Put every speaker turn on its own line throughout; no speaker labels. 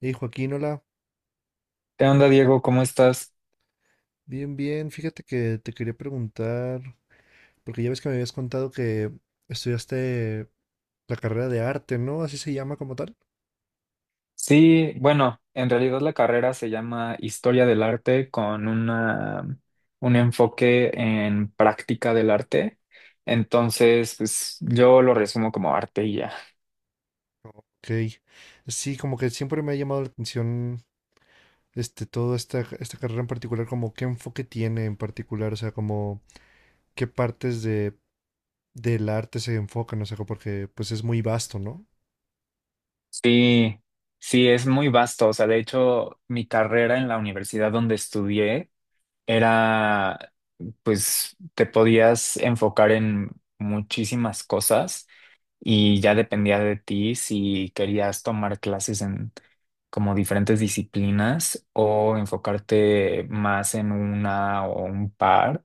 Hey Joaquín, hola,
¿Qué onda, Diego? ¿Cómo estás?
bien, bien, fíjate que te quería preguntar, porque ya ves que me habías contado que estudiaste la carrera de arte, ¿no? Así se llama como tal.
Sí, bueno, en realidad la carrera se llama Historia del Arte con un enfoque en práctica del arte. Entonces, pues yo lo resumo como arte y ya.
Ok, sí, como que siempre me ha llamado la atención este, toda esta carrera en particular, como qué enfoque tiene en particular, o sea, como qué partes de, del arte se enfocan, o sea, porque pues es muy vasto, ¿no?
Sí, sí, es muy vasto. O sea, de hecho, mi carrera en la universidad donde estudié era, pues, te podías enfocar en muchísimas cosas. Y ya dependía de ti si querías tomar clases en como diferentes disciplinas o enfocarte más en una o un par.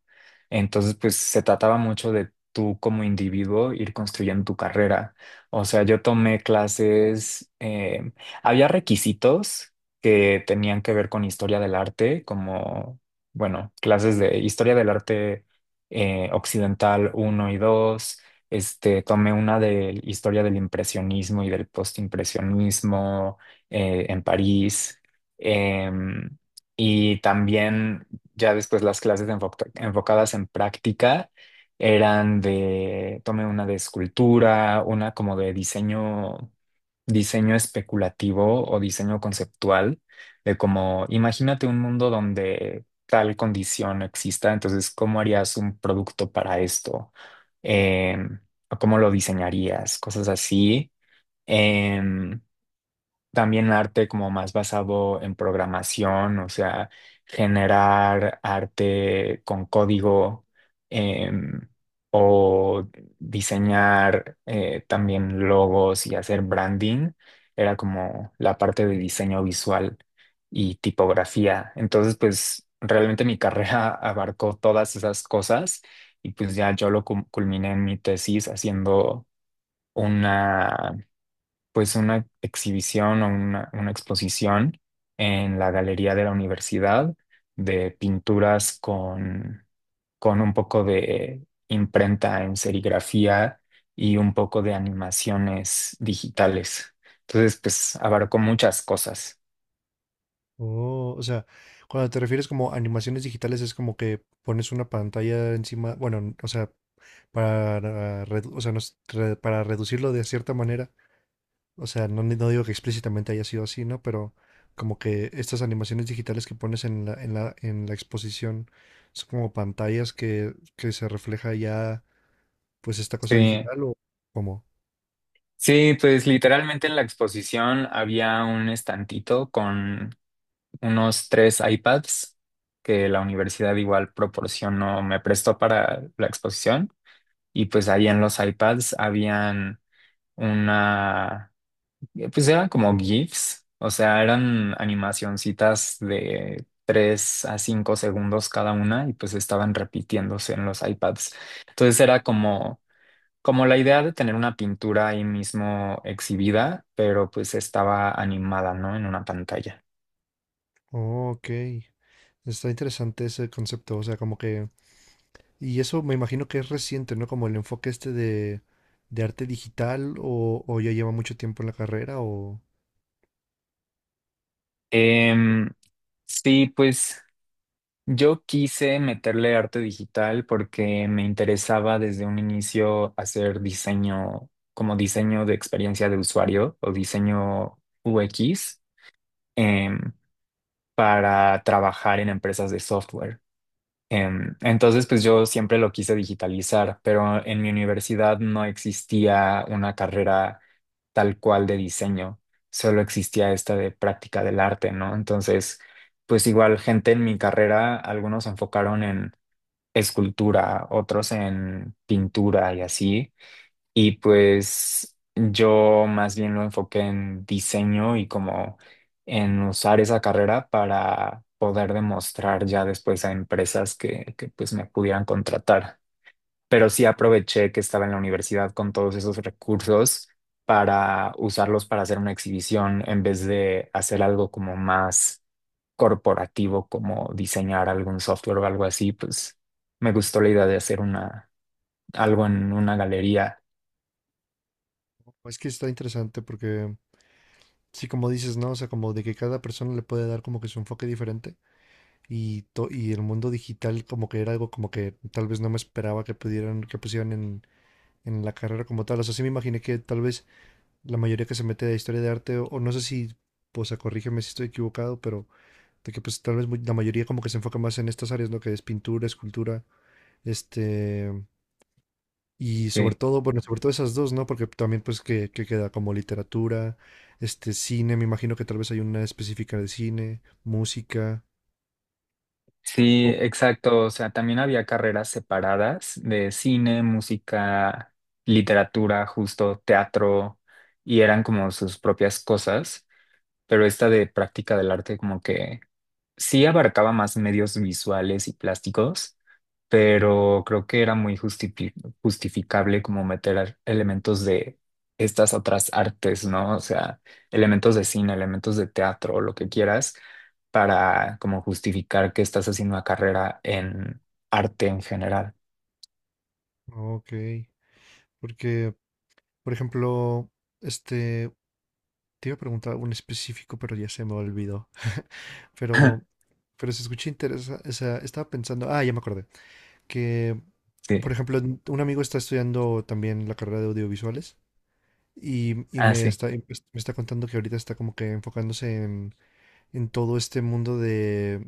Entonces, pues se trataba mucho de tú como individuo ir construyendo tu carrera. O sea, yo tomé clases, había requisitos que tenían que ver con historia del arte, como, bueno, clases de historia del arte occidental uno y dos, este, tomé una de historia del impresionismo y del postimpresionismo en París. Em, y también ya después las clases enfocadas en práctica eran tomé una de escultura, una como de diseño, diseño especulativo o diseño conceptual, de como, imagínate un mundo donde tal condición exista, entonces, ¿cómo harías un producto para esto? Em, o cómo lo diseñarías, cosas así. Em, También arte como más basado en programación, o sea, generar arte con código, em, o diseñar, también logos y hacer branding. Era como la parte de diseño visual y tipografía. Entonces, pues realmente mi carrera abarcó todas esas cosas y pues ya yo lo culminé en mi tesis haciendo una, pues una exhibición o una exposición en la galería de la universidad de pinturas con un poco de imprenta en serigrafía y un poco de animaciones digitales. Entonces, pues abarcó muchas cosas.
Oh, o sea, cuando te refieres como animaciones digitales es como que pones una pantalla encima, bueno, o sea, para, o sea, para reducirlo de cierta manera. O sea, no, no digo que explícitamente haya sido así, ¿no? Pero como que estas animaciones digitales que pones en la exposición son como pantallas que se refleja ya, pues, esta cosa
Sí,
digital o como.
sí, pues literalmente en la exposición había un estantito con unos tres iPads que la universidad igual proporcionó, me prestó para la exposición, y pues ahí en los iPads habían una, pues eran como GIFs, o sea, eran animacioncitas de 3 a 5 segundos cada una y pues estaban repitiéndose en los iPads. Entonces era como... como la idea de tener una pintura ahí mismo exhibida, pero pues estaba animada, ¿no? En una pantalla.
Oh, ok. Está interesante ese concepto. O sea, como que. Y eso me imagino que es reciente, ¿no? Como el enfoque este de arte digital o ya lleva mucho tiempo en la carrera o...
Em, sí, pues yo quise meterle arte digital porque me interesaba desde un inicio hacer diseño, como diseño de experiencia de usuario o diseño UX, em, para trabajar en empresas de software. Entonces, pues yo siempre lo quise digitalizar, pero en mi universidad no existía una carrera tal cual de diseño, solo existía esta de práctica del arte, ¿no? Entonces, pues igual gente en mi carrera, algunos se enfocaron en escultura, otros en pintura y así. Y pues yo más bien lo enfoqué en diseño y como en usar esa carrera para poder demostrar ya después a empresas que pues me pudieran contratar. Pero sí aproveché que estaba en la universidad con todos esos recursos para usarlos para hacer una exhibición en vez de hacer algo como más corporativo, como diseñar algún software o algo así, pues me gustó la idea de hacer algo en una galería.
Es que está interesante porque sí, como dices, ¿no? O sea, como de que cada persona le puede dar como que su enfoque diferente y, y el mundo digital como que era algo como que tal vez no me esperaba que pudieran, que pusieran en la carrera como tal. O sea, sí me imaginé que tal vez la mayoría que se mete a historia de arte o no sé si, pues, o sea, corrígeme si estoy equivocado, pero de que pues tal vez la mayoría como que se enfoca más en estas áreas, ¿no? Que es pintura, escultura, este, y sobre
Sí.
todo, bueno, sobre todo esas dos, ¿no? Porque también pues que queda como literatura, este cine, me imagino que tal vez hay una específica de cine, música.
Sí,
Oh,
exacto. O sea, también había carreras separadas de cine, música, literatura, justo teatro, y eran como sus propias cosas, pero esta de práctica del arte como que sí abarcaba más medios visuales y plásticos, pero creo que era muy justificable como meter elementos de estas otras artes, ¿no? O sea, elementos de cine, elementos de teatro, lo que quieras, para como justificar que estás haciendo una carrera en arte en general.
ok. Porque, por ejemplo, este, te iba a preguntar un específico, pero ya se me olvidó. Pero, pero se escucha interesante. O sea, estaba pensando, ah, ya me acordé, que, por
Sí.
ejemplo, un amigo está estudiando también la carrera de audiovisuales y
Ah,
me
sí.
está, y pues, me está contando que ahorita está como que enfocándose en todo este mundo de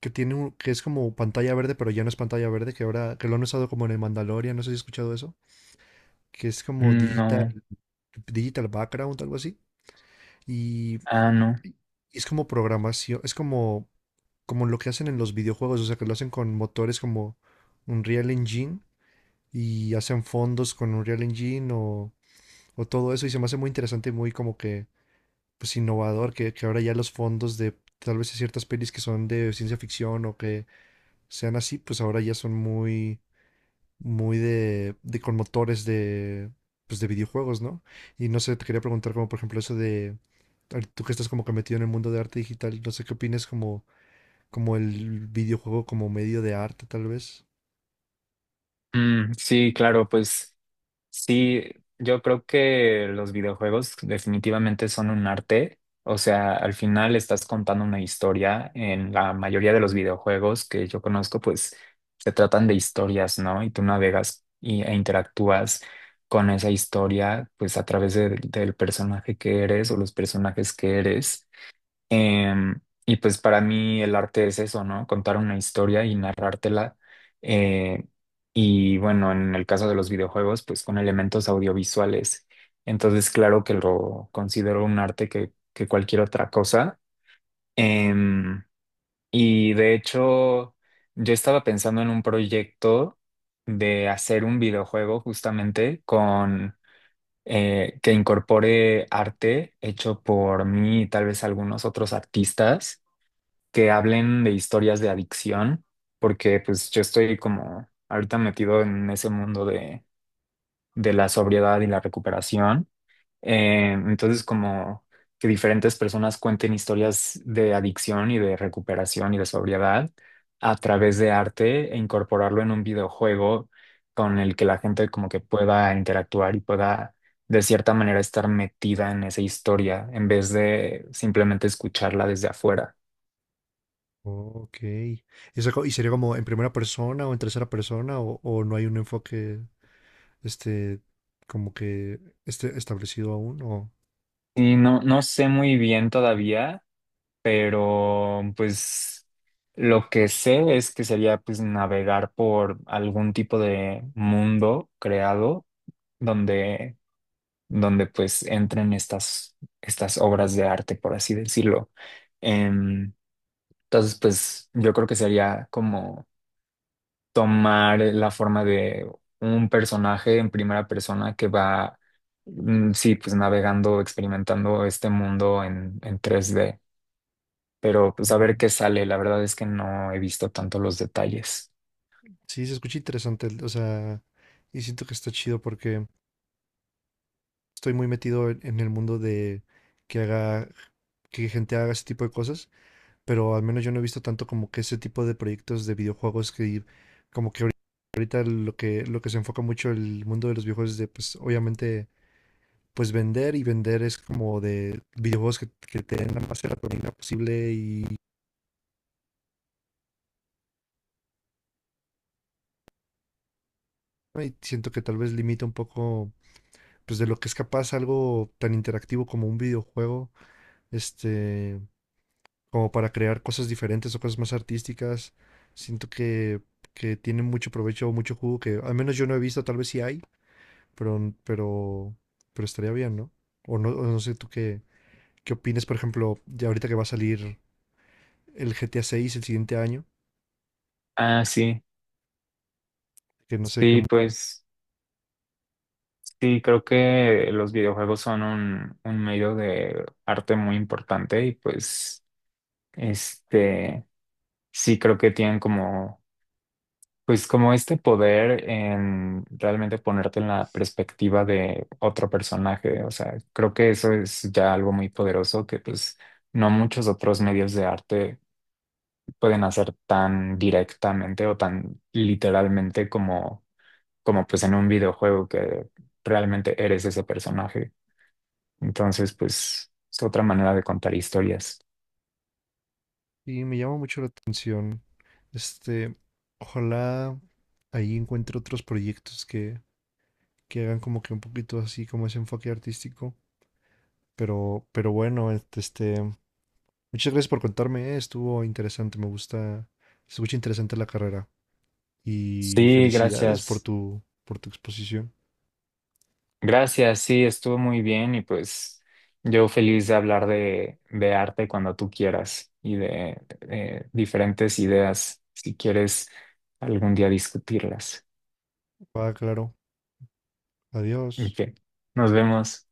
que que es como pantalla verde, pero ya no es pantalla verde, que ahora que lo han usado como en el Mandalorian, no sé si has escuchado eso, que es como
Mm, no.
digital background, algo así. Y,
Ah, no.
y es como programación, es como como lo que hacen en los videojuegos, o sea, que lo hacen con motores como Unreal Engine y hacen fondos con Unreal Engine o todo eso y se me hace muy interesante y muy como que pues innovador, que ahora ya los fondos de tal vez ciertas pelis que son de ciencia ficción o que sean así, pues ahora ya son muy, muy de con motores de, pues de videojuegos, ¿no? Y no sé, te quería preguntar como por ejemplo eso de, ahorita tú que estás como que metido en el mundo de arte digital, no sé qué opinas como, como el videojuego como medio de arte tal vez.
Mm, sí, claro, pues. Sí, yo creo que los videojuegos definitivamente son un arte. O sea, al final estás contando una historia. En la mayoría de los videojuegos que yo conozco, pues se tratan de historias, ¿no? Y tú navegas y, e interactúas con esa historia, pues a través del personaje que eres o los personajes que eres. Em, y pues para mí el arte es eso, ¿no? Contar una historia y narrártela. Eh, y bueno, en el caso de los videojuegos, pues con elementos audiovisuales. Entonces, claro que lo considero un arte que cualquier otra cosa. Em, y de hecho, yo estaba pensando en un proyecto de hacer un videojuego justamente con... que incorpore arte hecho por mí y tal vez algunos otros artistas que hablen de historias de adicción, porque pues yo estoy como ahorita metido en ese mundo de la sobriedad y la recuperación. Entonces, como que diferentes personas cuenten historias de adicción y de recuperación y de sobriedad a través de arte e incorporarlo en un videojuego con el que la gente como que pueda interactuar y pueda de cierta manera estar metida en esa historia en vez de simplemente escucharla desde afuera.
Ok. ¿Y sería como en primera persona o en tercera persona o no hay un enfoque este como que esté establecido aún o...
Y no, no sé muy bien todavía, pero pues lo que sé es que sería pues navegar por algún tipo de mundo creado donde, donde pues entren estas obras de arte, por así decirlo. Em, entonces, pues yo creo que sería como tomar la forma de un personaje en primera persona que va, mm, sí, pues navegando, experimentando este mundo en 3D, pero pues a ver qué
Mm.
sale. La verdad es que no he visto tanto los detalles.
Sí, se escucha interesante, o sea, y siento que está chido porque estoy muy metido en el mundo de que haga, que gente haga ese tipo de cosas, pero al menos yo no he visto tanto como que ese tipo de proyectos de videojuegos que como que ahorita, ahorita lo que se enfoca mucho el mundo de los videojuegos es de pues obviamente pues vender y vender es como de videojuegos que te den la más serotonina posible y siento que tal vez limita un poco pues de lo que es capaz algo tan interactivo como un videojuego este, como para crear cosas diferentes o cosas más artísticas. Siento que tienen mucho provecho o mucho jugo que al menos yo no he visto, tal vez sí hay, pero, pero, pero estaría bien, ¿no? O no, o no sé tú qué, qué opinas, por ejemplo, ya ahorita que va a salir el GTA 6 el siguiente año,
Ah, sí,
que no sé qué...
sí,
mu-
pues sí, creo que los videojuegos son un medio de arte muy importante y pues, este, sí creo que tienen como, pues como este poder en realmente ponerte en la perspectiva de otro personaje. O sea, creo que eso es ya algo muy poderoso que pues no muchos otros medios de arte pueden hacer tan directamente o tan literalmente como, como pues en un videojuego que realmente eres ese personaje. Entonces, pues es otra manera de contar historias.
Y me llama mucho la atención. Este, ojalá ahí encuentre otros proyectos que hagan como que un poquito así como ese enfoque artístico. Pero bueno, este, muchas gracias por contarme, estuvo interesante, me gusta, se escucha interesante la carrera. Y
Sí,
felicidades
gracias.
por tu exposición.
Gracias, sí, estuvo muy bien y pues yo feliz de hablar de arte cuando tú quieras y de, diferentes ideas si quieres algún día discutirlas.
Va, claro. Adiós.
Ok, nos vemos.